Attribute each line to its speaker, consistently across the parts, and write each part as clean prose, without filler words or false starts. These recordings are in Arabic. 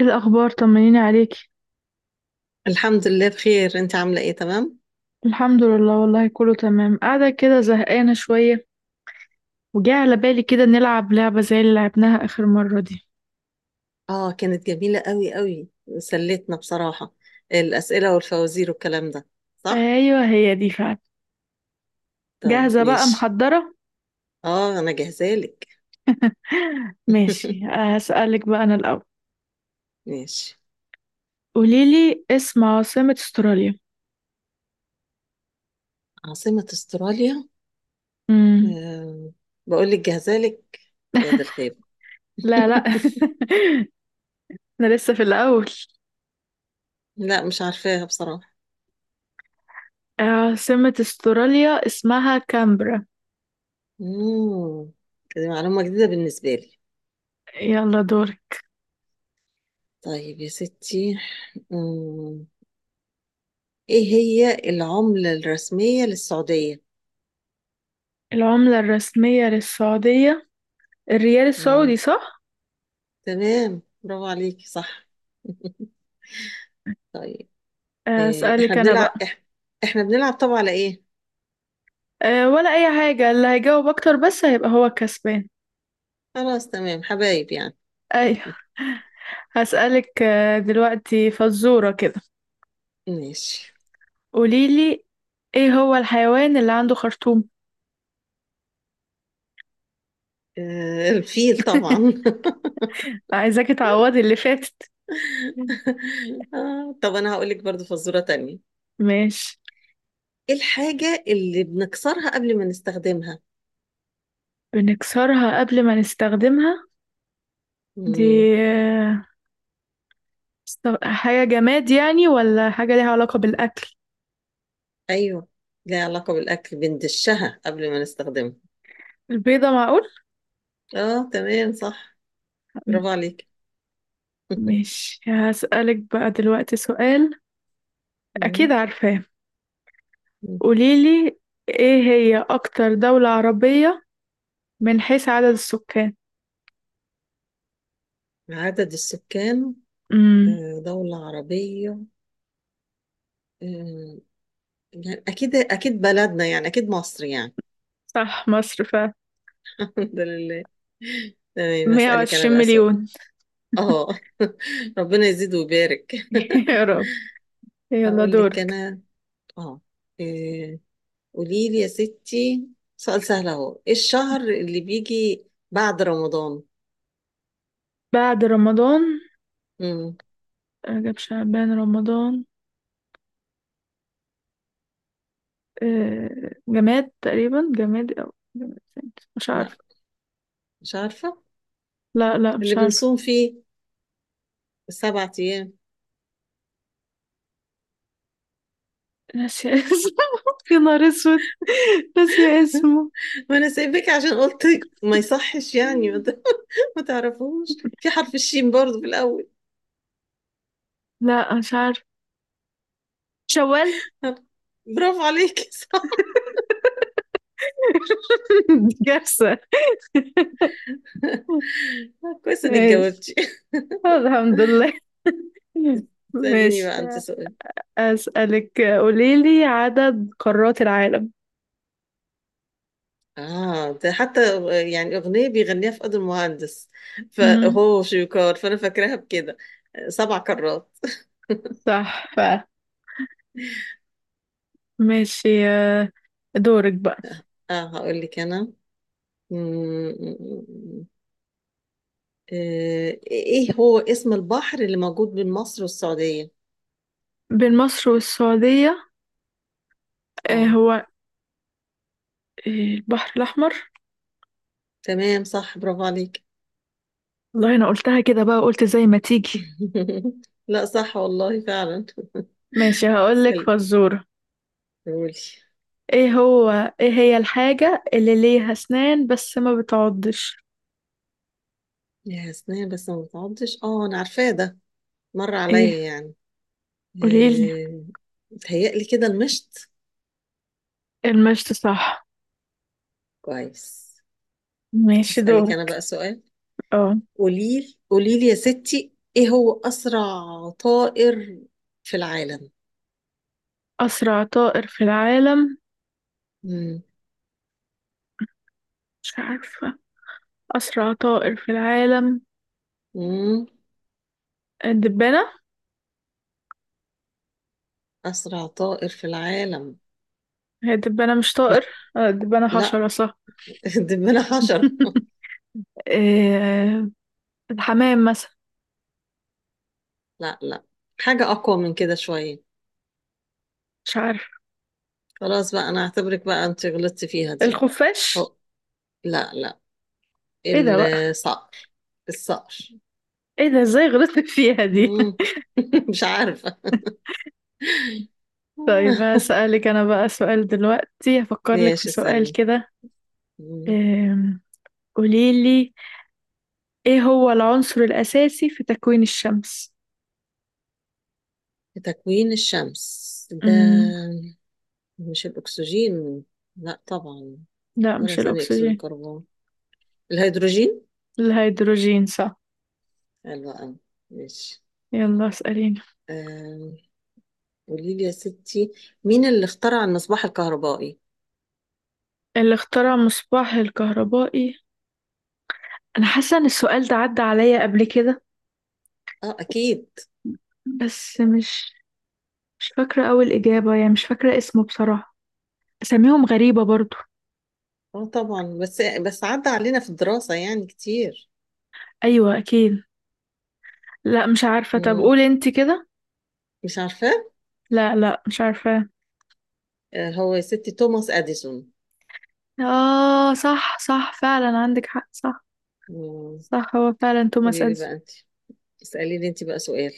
Speaker 1: ايه الاخبار؟ طمنيني عليكي.
Speaker 2: الحمد لله بخير. انت عاملة ايه؟ تمام.
Speaker 1: الحمد لله والله كله تمام، قاعده كده زهقانه شويه. وجاء على بالي كده نلعب لعبه زي اللي لعبناها اخر مره دي.
Speaker 2: اه، كانت جميلة قوي قوي. سلتنا بصراحة. الأسئلة والفوازير والكلام ده. صح.
Speaker 1: ايوه، هي دي فعلا.
Speaker 2: طيب،
Speaker 1: جاهزه بقى
Speaker 2: ماشي.
Speaker 1: محضره.
Speaker 2: اه، انا جاهزة لك.
Speaker 1: ماشي، هسألك بقى انا الاول.
Speaker 2: ماشي.
Speaker 1: قوليلي اسم عاصمه استراليا.
Speaker 2: عاصمة استراليا.
Speaker 1: امم
Speaker 2: أه. بقول لك جاهزة لك. يا ده الخير.
Speaker 1: لا لا. انا لسه في الاول.
Speaker 2: لا، مش عارفاها بصراحة.
Speaker 1: عاصمه استراليا اسمها كامبرا.
Speaker 2: مم. دي معلومة جديدة بالنسبة لي.
Speaker 1: يلا دورك.
Speaker 2: طيب يا ستي. مم. ايه هي العملة الرسمية للسعودية؟
Speaker 1: العمله الرسميه للسعوديه الريال السعودي صح.
Speaker 2: تمام، برافو عليكي، صح. طيب. إيه احنا
Speaker 1: اسألك انا بقى.
Speaker 2: بنلعب إح... احنا بنلعب طبعا على ايه؟
Speaker 1: أه، ولا أي حاجة، اللي هيجاوب أكتر بس هيبقى هو الكسبان.
Speaker 2: خلاص، تمام، حبايب يعني.
Speaker 1: أيوة. هسألك دلوقتي فزورة كده.
Speaker 2: ماشي.
Speaker 1: قوليلي إيه هو الحيوان اللي عنده خرطوم.
Speaker 2: إيه الفيل طبعا.
Speaker 1: عايزاكي تعوضي اللي فاتت.
Speaker 2: آه، طب انا هقول لك برضو فزورة تانية.
Speaker 1: ماشي.
Speaker 2: ايه الحاجة اللي بنكسرها قبل ما نستخدمها؟
Speaker 1: بنكسرها قبل ما نستخدمها دي،
Speaker 2: مم.
Speaker 1: آه، حاجة جماد يعني ولا حاجة ليها علاقة بالأكل.
Speaker 2: ايوه، ليها علاقة بالاكل، بندشها قبل ما نستخدمها.
Speaker 1: البيضة، معقول.
Speaker 2: اه، تمام صح، برافو عليك.
Speaker 1: ماشي، هسألك بقى دلوقتي سؤال. أكيد
Speaker 2: مم.
Speaker 1: عارفاه.
Speaker 2: مم.
Speaker 1: قوليلي ايه هي اكتر دولة عربية من حيث عدد السكان.
Speaker 2: عدد السكان.
Speaker 1: امم
Speaker 2: دولة عربية. آه، يعني أكيد أكيد بلدنا، يعني أكيد مصر يعني.
Speaker 1: صح، مصر فعلا.
Speaker 2: الحمد لله. تمام، أسألك
Speaker 1: 120
Speaker 2: أنا بقى سؤال.
Speaker 1: مليون.
Speaker 2: أه. ربنا يزيد ويبارك.
Speaker 1: يا رب. يلا
Speaker 2: هقول لك
Speaker 1: دورك.
Speaker 2: أنا. أه. إيه، قولي لي يا ستي. سؤال سهل أهو، إيه الشهر اللي بيجي بعد رمضان؟
Speaker 1: بعد رمضان
Speaker 2: مم.
Speaker 1: رجب شعبان رمضان، جماد تقريبا، جماد او جماد تاني. مش عارفة.
Speaker 2: لا، مش عارفة.
Speaker 1: لا لا،
Speaker 2: اللي
Speaker 1: مش عارفة.
Speaker 2: بنصوم فيه. السبع أيام.
Speaker 1: ناسية اسمه. يا نهار اسود، ناسية اسمه.
Speaker 2: ما أنا سايبك عشان قلت. ما يصحش يعني. ما تعرفوش، في حرف الشين برضه في الأول.
Speaker 1: لا مش عارفة، شوال.
Speaker 2: برافو عليكي، صح.
Speaker 1: كارثة.
Speaker 2: كويس انك
Speaker 1: إيش؟
Speaker 2: جاوبتي.
Speaker 1: الحمد لله.
Speaker 2: سأليني
Speaker 1: ماشي،
Speaker 2: بقى انت سؤال.
Speaker 1: أسألك قوليلي عدد قارات العالم.
Speaker 2: اه، ده حتى يعني اغنيه بيغنيها في قدر المهندس،
Speaker 1: مهم.
Speaker 2: فهو شويكار، فانا فاكراها بكده. 7 كرات.
Speaker 1: صح بقى. ماشي. دورك بقى.
Speaker 2: اه، هقول لك انا. مم. ايه هو اسم البحر اللي موجود بين مصر والسعوديه؟
Speaker 1: بين مصر والسعودية، آه،
Speaker 2: اه،
Speaker 1: هو آه، البحر الأحمر.
Speaker 2: تمام صح، برافو عليك.
Speaker 1: والله انا قلتها كده بقى، قلت زي ما تيجي.
Speaker 2: لا، صح والله فعلا.
Speaker 1: ماشي، هقولك
Speaker 2: اسالي.
Speaker 1: فزورة.
Speaker 2: قولي.
Speaker 1: ايه هو، ايه هي الحاجة اللي ليها أسنان بس ما بتعضش.
Speaker 2: يا سنية بس ما بتعضش، اه، انا عارفاه ده. مر
Speaker 1: ايه،
Speaker 2: عليا يعني.
Speaker 1: قوليلي.
Speaker 2: آه، متهيألي كده المشط.
Speaker 1: المشط صح.
Speaker 2: كويس.
Speaker 1: ماشي،
Speaker 2: اسألك انا
Speaker 1: دورك.
Speaker 2: بقى سؤال.
Speaker 1: اه،
Speaker 2: قوليلي قوليلي يا ستي، ايه هو اسرع طائر في العالم؟
Speaker 1: أسرع طائر في العالم.
Speaker 2: مم.
Speaker 1: مش عارفة. أسرع طائر في العالم
Speaker 2: مم.
Speaker 1: الدبانة.
Speaker 2: اسرع طائر في العالم.
Speaker 1: هي الدبانة مش طائر،
Speaker 2: لا،
Speaker 1: الدبانة
Speaker 2: لا.
Speaker 1: حشرة صح.
Speaker 2: دبانة حشرة؟
Speaker 1: آه، الحمام مثلا.
Speaker 2: لا، لا، حاجة اقوى من كده شوية.
Speaker 1: مش عارفة.
Speaker 2: خلاص بقى، انا اعتبرك بقى انت غلطتي فيها دي.
Speaker 1: الخفاش.
Speaker 2: أو. لا، لا.
Speaker 1: ايه ده بقى؟
Speaker 2: الصقر الصقر.
Speaker 1: ايه ده ازاي غلطت فيها دي.
Speaker 2: مم. مش عارفة.
Speaker 1: طيب، هسألك انا بقى سؤال دلوقتي، هفكر لك في
Speaker 2: ماشي،
Speaker 1: سؤال
Speaker 2: اسألي.
Speaker 1: كده.
Speaker 2: مم.
Speaker 1: آم، قوليلي ايه هو العنصر الأساسي في تكوين الشمس.
Speaker 2: تكوين الشمس ده.
Speaker 1: مم.
Speaker 2: مش الأكسجين؟ لا طبعا.
Speaker 1: لا،
Speaker 2: ولا
Speaker 1: مش
Speaker 2: ثاني أكسيد
Speaker 1: الأكسجين.
Speaker 2: الكربون. الهيدروجين.
Speaker 1: الهيدروجين صح.
Speaker 2: حلو أوي. ماشي.
Speaker 1: يلا اسأليني.
Speaker 2: آه، قولي لي يا ستي. مين اللي اخترع المصباح الكهربائي؟
Speaker 1: اللي اخترع مصباح الكهربائي، انا حاسه ان السؤال ده عدى عليا قبل كده
Speaker 2: اه، أكيد.
Speaker 1: بس مش فاكره اول اجابه يعني، مش فاكره اسمه بصراحه. اساميهم غريبه برضو.
Speaker 2: اه، طبعا بس عدى علينا في الدراسة يعني كتير.
Speaker 1: ايوه اكيد. لا مش عارفه، طب
Speaker 2: مم.
Speaker 1: قولي انت كده.
Speaker 2: مش عارفة.
Speaker 1: لا لا، مش عارفه.
Speaker 2: هو يا ستي توماس أديسون.
Speaker 1: اه، صح صح فعلا، عندك حق صح.
Speaker 2: مم.
Speaker 1: صح، هو فعلا توماس
Speaker 2: قولي لي
Speaker 1: اديسون.
Speaker 2: بقى أنت. اسألي لي أنت بقى سؤال.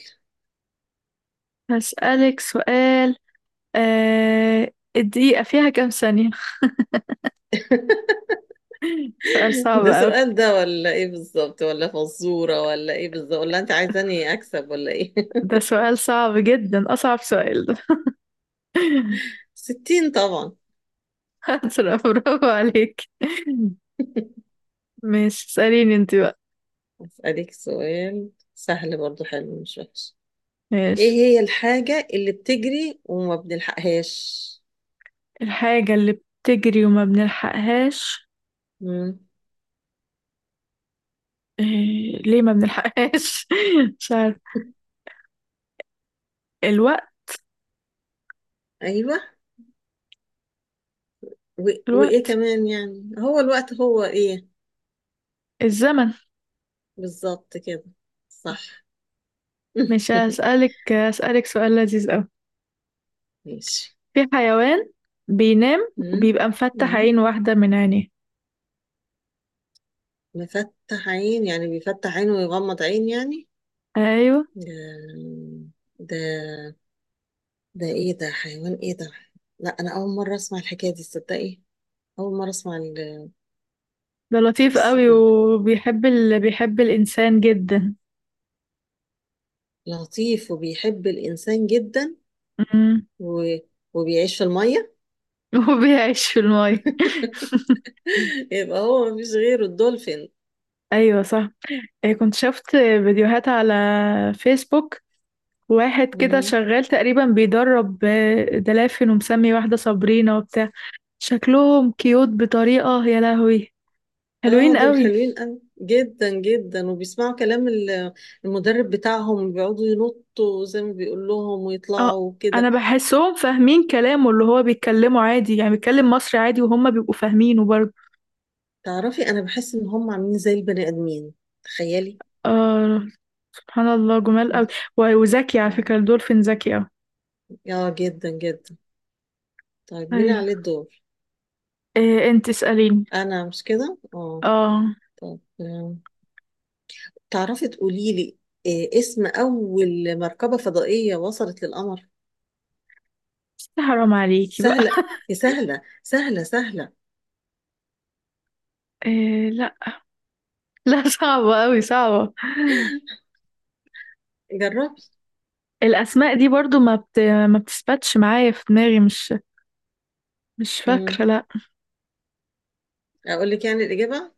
Speaker 1: هسألك سؤال. الدقيقة فيها كام ثانية؟ سؤال صعب
Speaker 2: ده
Speaker 1: أوي.
Speaker 2: سؤال ده ولا ايه بالظبط، ولا فزورة ولا ايه بالظبط، ولا انت عايزاني اكسب ولا ايه؟
Speaker 1: ده سؤال صعب جدا، أصعب سؤال ده.
Speaker 2: 60 طبعا.
Speaker 1: برافو عليك. ماشي، اسأليني انت.
Speaker 2: اسألك سؤال. سهل برضو، حلو مش وحش. ايه
Speaker 1: ماشي.
Speaker 2: هي الحاجة اللي بتجري وما بنلحقهاش؟
Speaker 1: الحاجة اللي بتجري وما بنلحقهاش.
Speaker 2: مم.
Speaker 1: إيه... ليه ما بنلحقهاش؟ مش عارف. الوقت.
Speaker 2: ايوه. و... وايه
Speaker 1: الوقت.
Speaker 2: كمان يعني؟ هو الوقت هو ايه؟
Speaker 1: الزمن.
Speaker 2: بالظبط كده. صح.
Speaker 1: مش هسألك هسألك سؤال لذيذ أوي.
Speaker 2: ماشي.
Speaker 1: في حيوان بينام
Speaker 2: مم.
Speaker 1: وبيبقى مفتح
Speaker 2: مم.
Speaker 1: عين واحدة من عينيه.
Speaker 2: مفتح عين يعني بيفتح عينه ويغمض عين يعني؟
Speaker 1: أيوه.
Speaker 2: ده ده ده ايه ده حيوان ايه ده؟ لا، انا اول مره اسمع الحكايه دي، تصدقي. اول مره اسمع
Speaker 1: ده لطيف
Speaker 2: الس-
Speaker 1: أوي وبيحب بيحب الإنسان جدا.
Speaker 2: لطيف وبيحب الانسان جدا.
Speaker 1: أمم.
Speaker 2: و... وبيعيش في الميه.
Speaker 1: وبيعيش في الماية.
Speaker 2: يبقى هو مفيش غيره، الدولفين.
Speaker 1: أيوه صح. كنت شفت فيديوهات على فيسبوك، واحد كده
Speaker 2: مم.
Speaker 1: شغال تقريبا بيدرب دلافين، ومسمي واحدة صابرينا وبتاع. شكلهم كيوت بطريقة، يا لهوي
Speaker 2: اه،
Speaker 1: حلوين
Speaker 2: دول
Speaker 1: قوي.
Speaker 2: حلوين قوي جدا جدا وبيسمعوا كلام المدرب بتاعهم، بيقعدوا ينطوا زي ما بيقول لهم
Speaker 1: اه،
Speaker 2: ويطلعوا
Speaker 1: انا
Speaker 2: وكده.
Speaker 1: بحسهم فاهمين كلامه، اللي هو بيتكلمه عادي يعني، بيتكلم مصري عادي وهم بيبقوا فاهمينه برضه.
Speaker 2: تعرفي، انا بحس ان هم عاملين زي البني ادمين. تخيلي.
Speaker 1: اه. سبحان الله، جمال قوي. وذكي على فكرة، الدولفين ذكي قوي.
Speaker 2: اه، جدا جدا. طيب، مين عليه
Speaker 1: ايوه.
Speaker 2: الدور؟
Speaker 1: إيه، انت اسأليني.
Speaker 2: انا مش كده، اه.
Speaker 1: اه.
Speaker 2: طب تعرفي تقولي لي، إيه اسم اول مركبة فضائية وصلت للقمر؟
Speaker 1: حرام عليكي بقى.
Speaker 2: سهلة يا سهلة، سهلة سهلة.
Speaker 1: إيه لا. لا. صعبة قوي صعبة.
Speaker 2: جربي.
Speaker 1: الأسماء دي برضو ما بتثبتش معايا في دماغي، مش
Speaker 2: مم.
Speaker 1: فاكرة، لأ.
Speaker 2: اقول لك يعني الاجابة.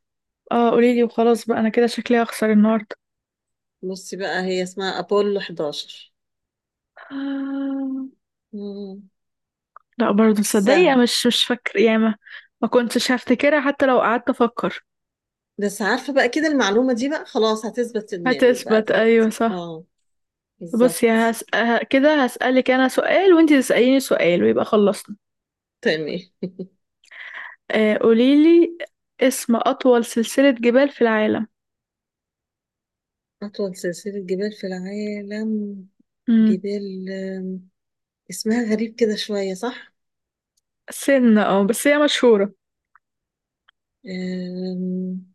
Speaker 1: اه، قوليلي وخلاص بقى، أنا كده شكلي هخسر النهاردة.
Speaker 2: بصي بقى، هي اسمها ابولو 11.
Speaker 1: آه،
Speaker 2: مم.
Speaker 1: لأ برضه تصدقي،
Speaker 2: سهل.
Speaker 1: مش فاكرة يا ما. ما كنتش هفتكرها حتى لو قعدت أفكر.
Speaker 2: بس عارفة بقى كده، المعلومة دي بقى خلاص هتثبت في دماغك بقى
Speaker 1: هتثبت أيوة
Speaker 2: دلوقتي،
Speaker 1: صح.
Speaker 2: اه.
Speaker 1: بصي،
Speaker 2: بالظبط.
Speaker 1: كده هسألك أنا سؤال وأنتي تسأليني سؤال، ويبقى خلصنا.
Speaker 2: تمام.
Speaker 1: قوليلي اسم أطول سلسلة جبال في العالم.
Speaker 2: أطول سلسلة جبال في العالم.
Speaker 1: مم.
Speaker 2: جبال اسمها غريب كده شوية، صح؟
Speaker 1: سنة بس هي مشهورة.
Speaker 2: آم،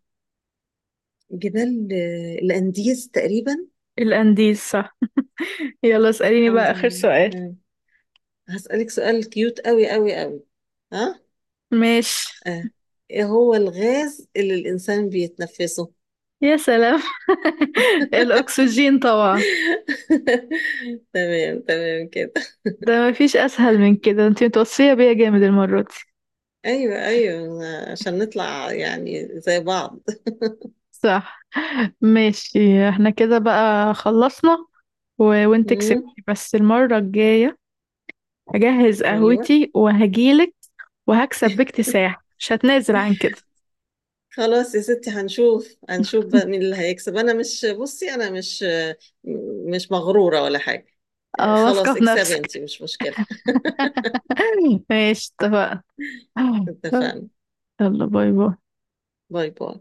Speaker 2: جبال الأنديز تقريبا.
Speaker 1: الأنديز صح. يلا اسأليني بقى
Speaker 2: الحمد
Speaker 1: آخر
Speaker 2: لله،
Speaker 1: سؤال.
Speaker 2: تمام. هسألك سؤال كيوت أوي أوي أوي. ها؟
Speaker 1: ماشي.
Speaker 2: آه. إيه هو الغاز اللي الإنسان بيتنفسه؟
Speaker 1: يا سلام. الأكسجين طبعا.
Speaker 2: تمام تمام كده.
Speaker 1: ده مفيش اسهل من كده، انتي متوصية بيا جامد المرة دي.
Speaker 2: أيوه أيوه، عشان نطلع يعني زي بعض.
Speaker 1: صح. ماشي، احنا كده بقى خلصنا. وانت
Speaker 2: مم،
Speaker 1: كسبتي بس المرة الجاية هجهز
Speaker 2: أيوه.
Speaker 1: قهوتي وهجيلك، وهكسب باكتساح، مش هتنازل عن كده.
Speaker 2: خلاص يا ستي، هنشوف هنشوف بقى مين اللي هيكسب. انا مش بصي، انا مش مغرورة ولا حاجة.
Speaker 1: اه، واثقة
Speaker 2: خلاص،
Speaker 1: في
Speaker 2: اكسبي
Speaker 1: نفسك.
Speaker 2: انتي، مش مشكلة.
Speaker 1: ماشي، اتفقنا.
Speaker 2: اتفقنا.
Speaker 1: يلا، باي باي.
Speaker 2: باي باي.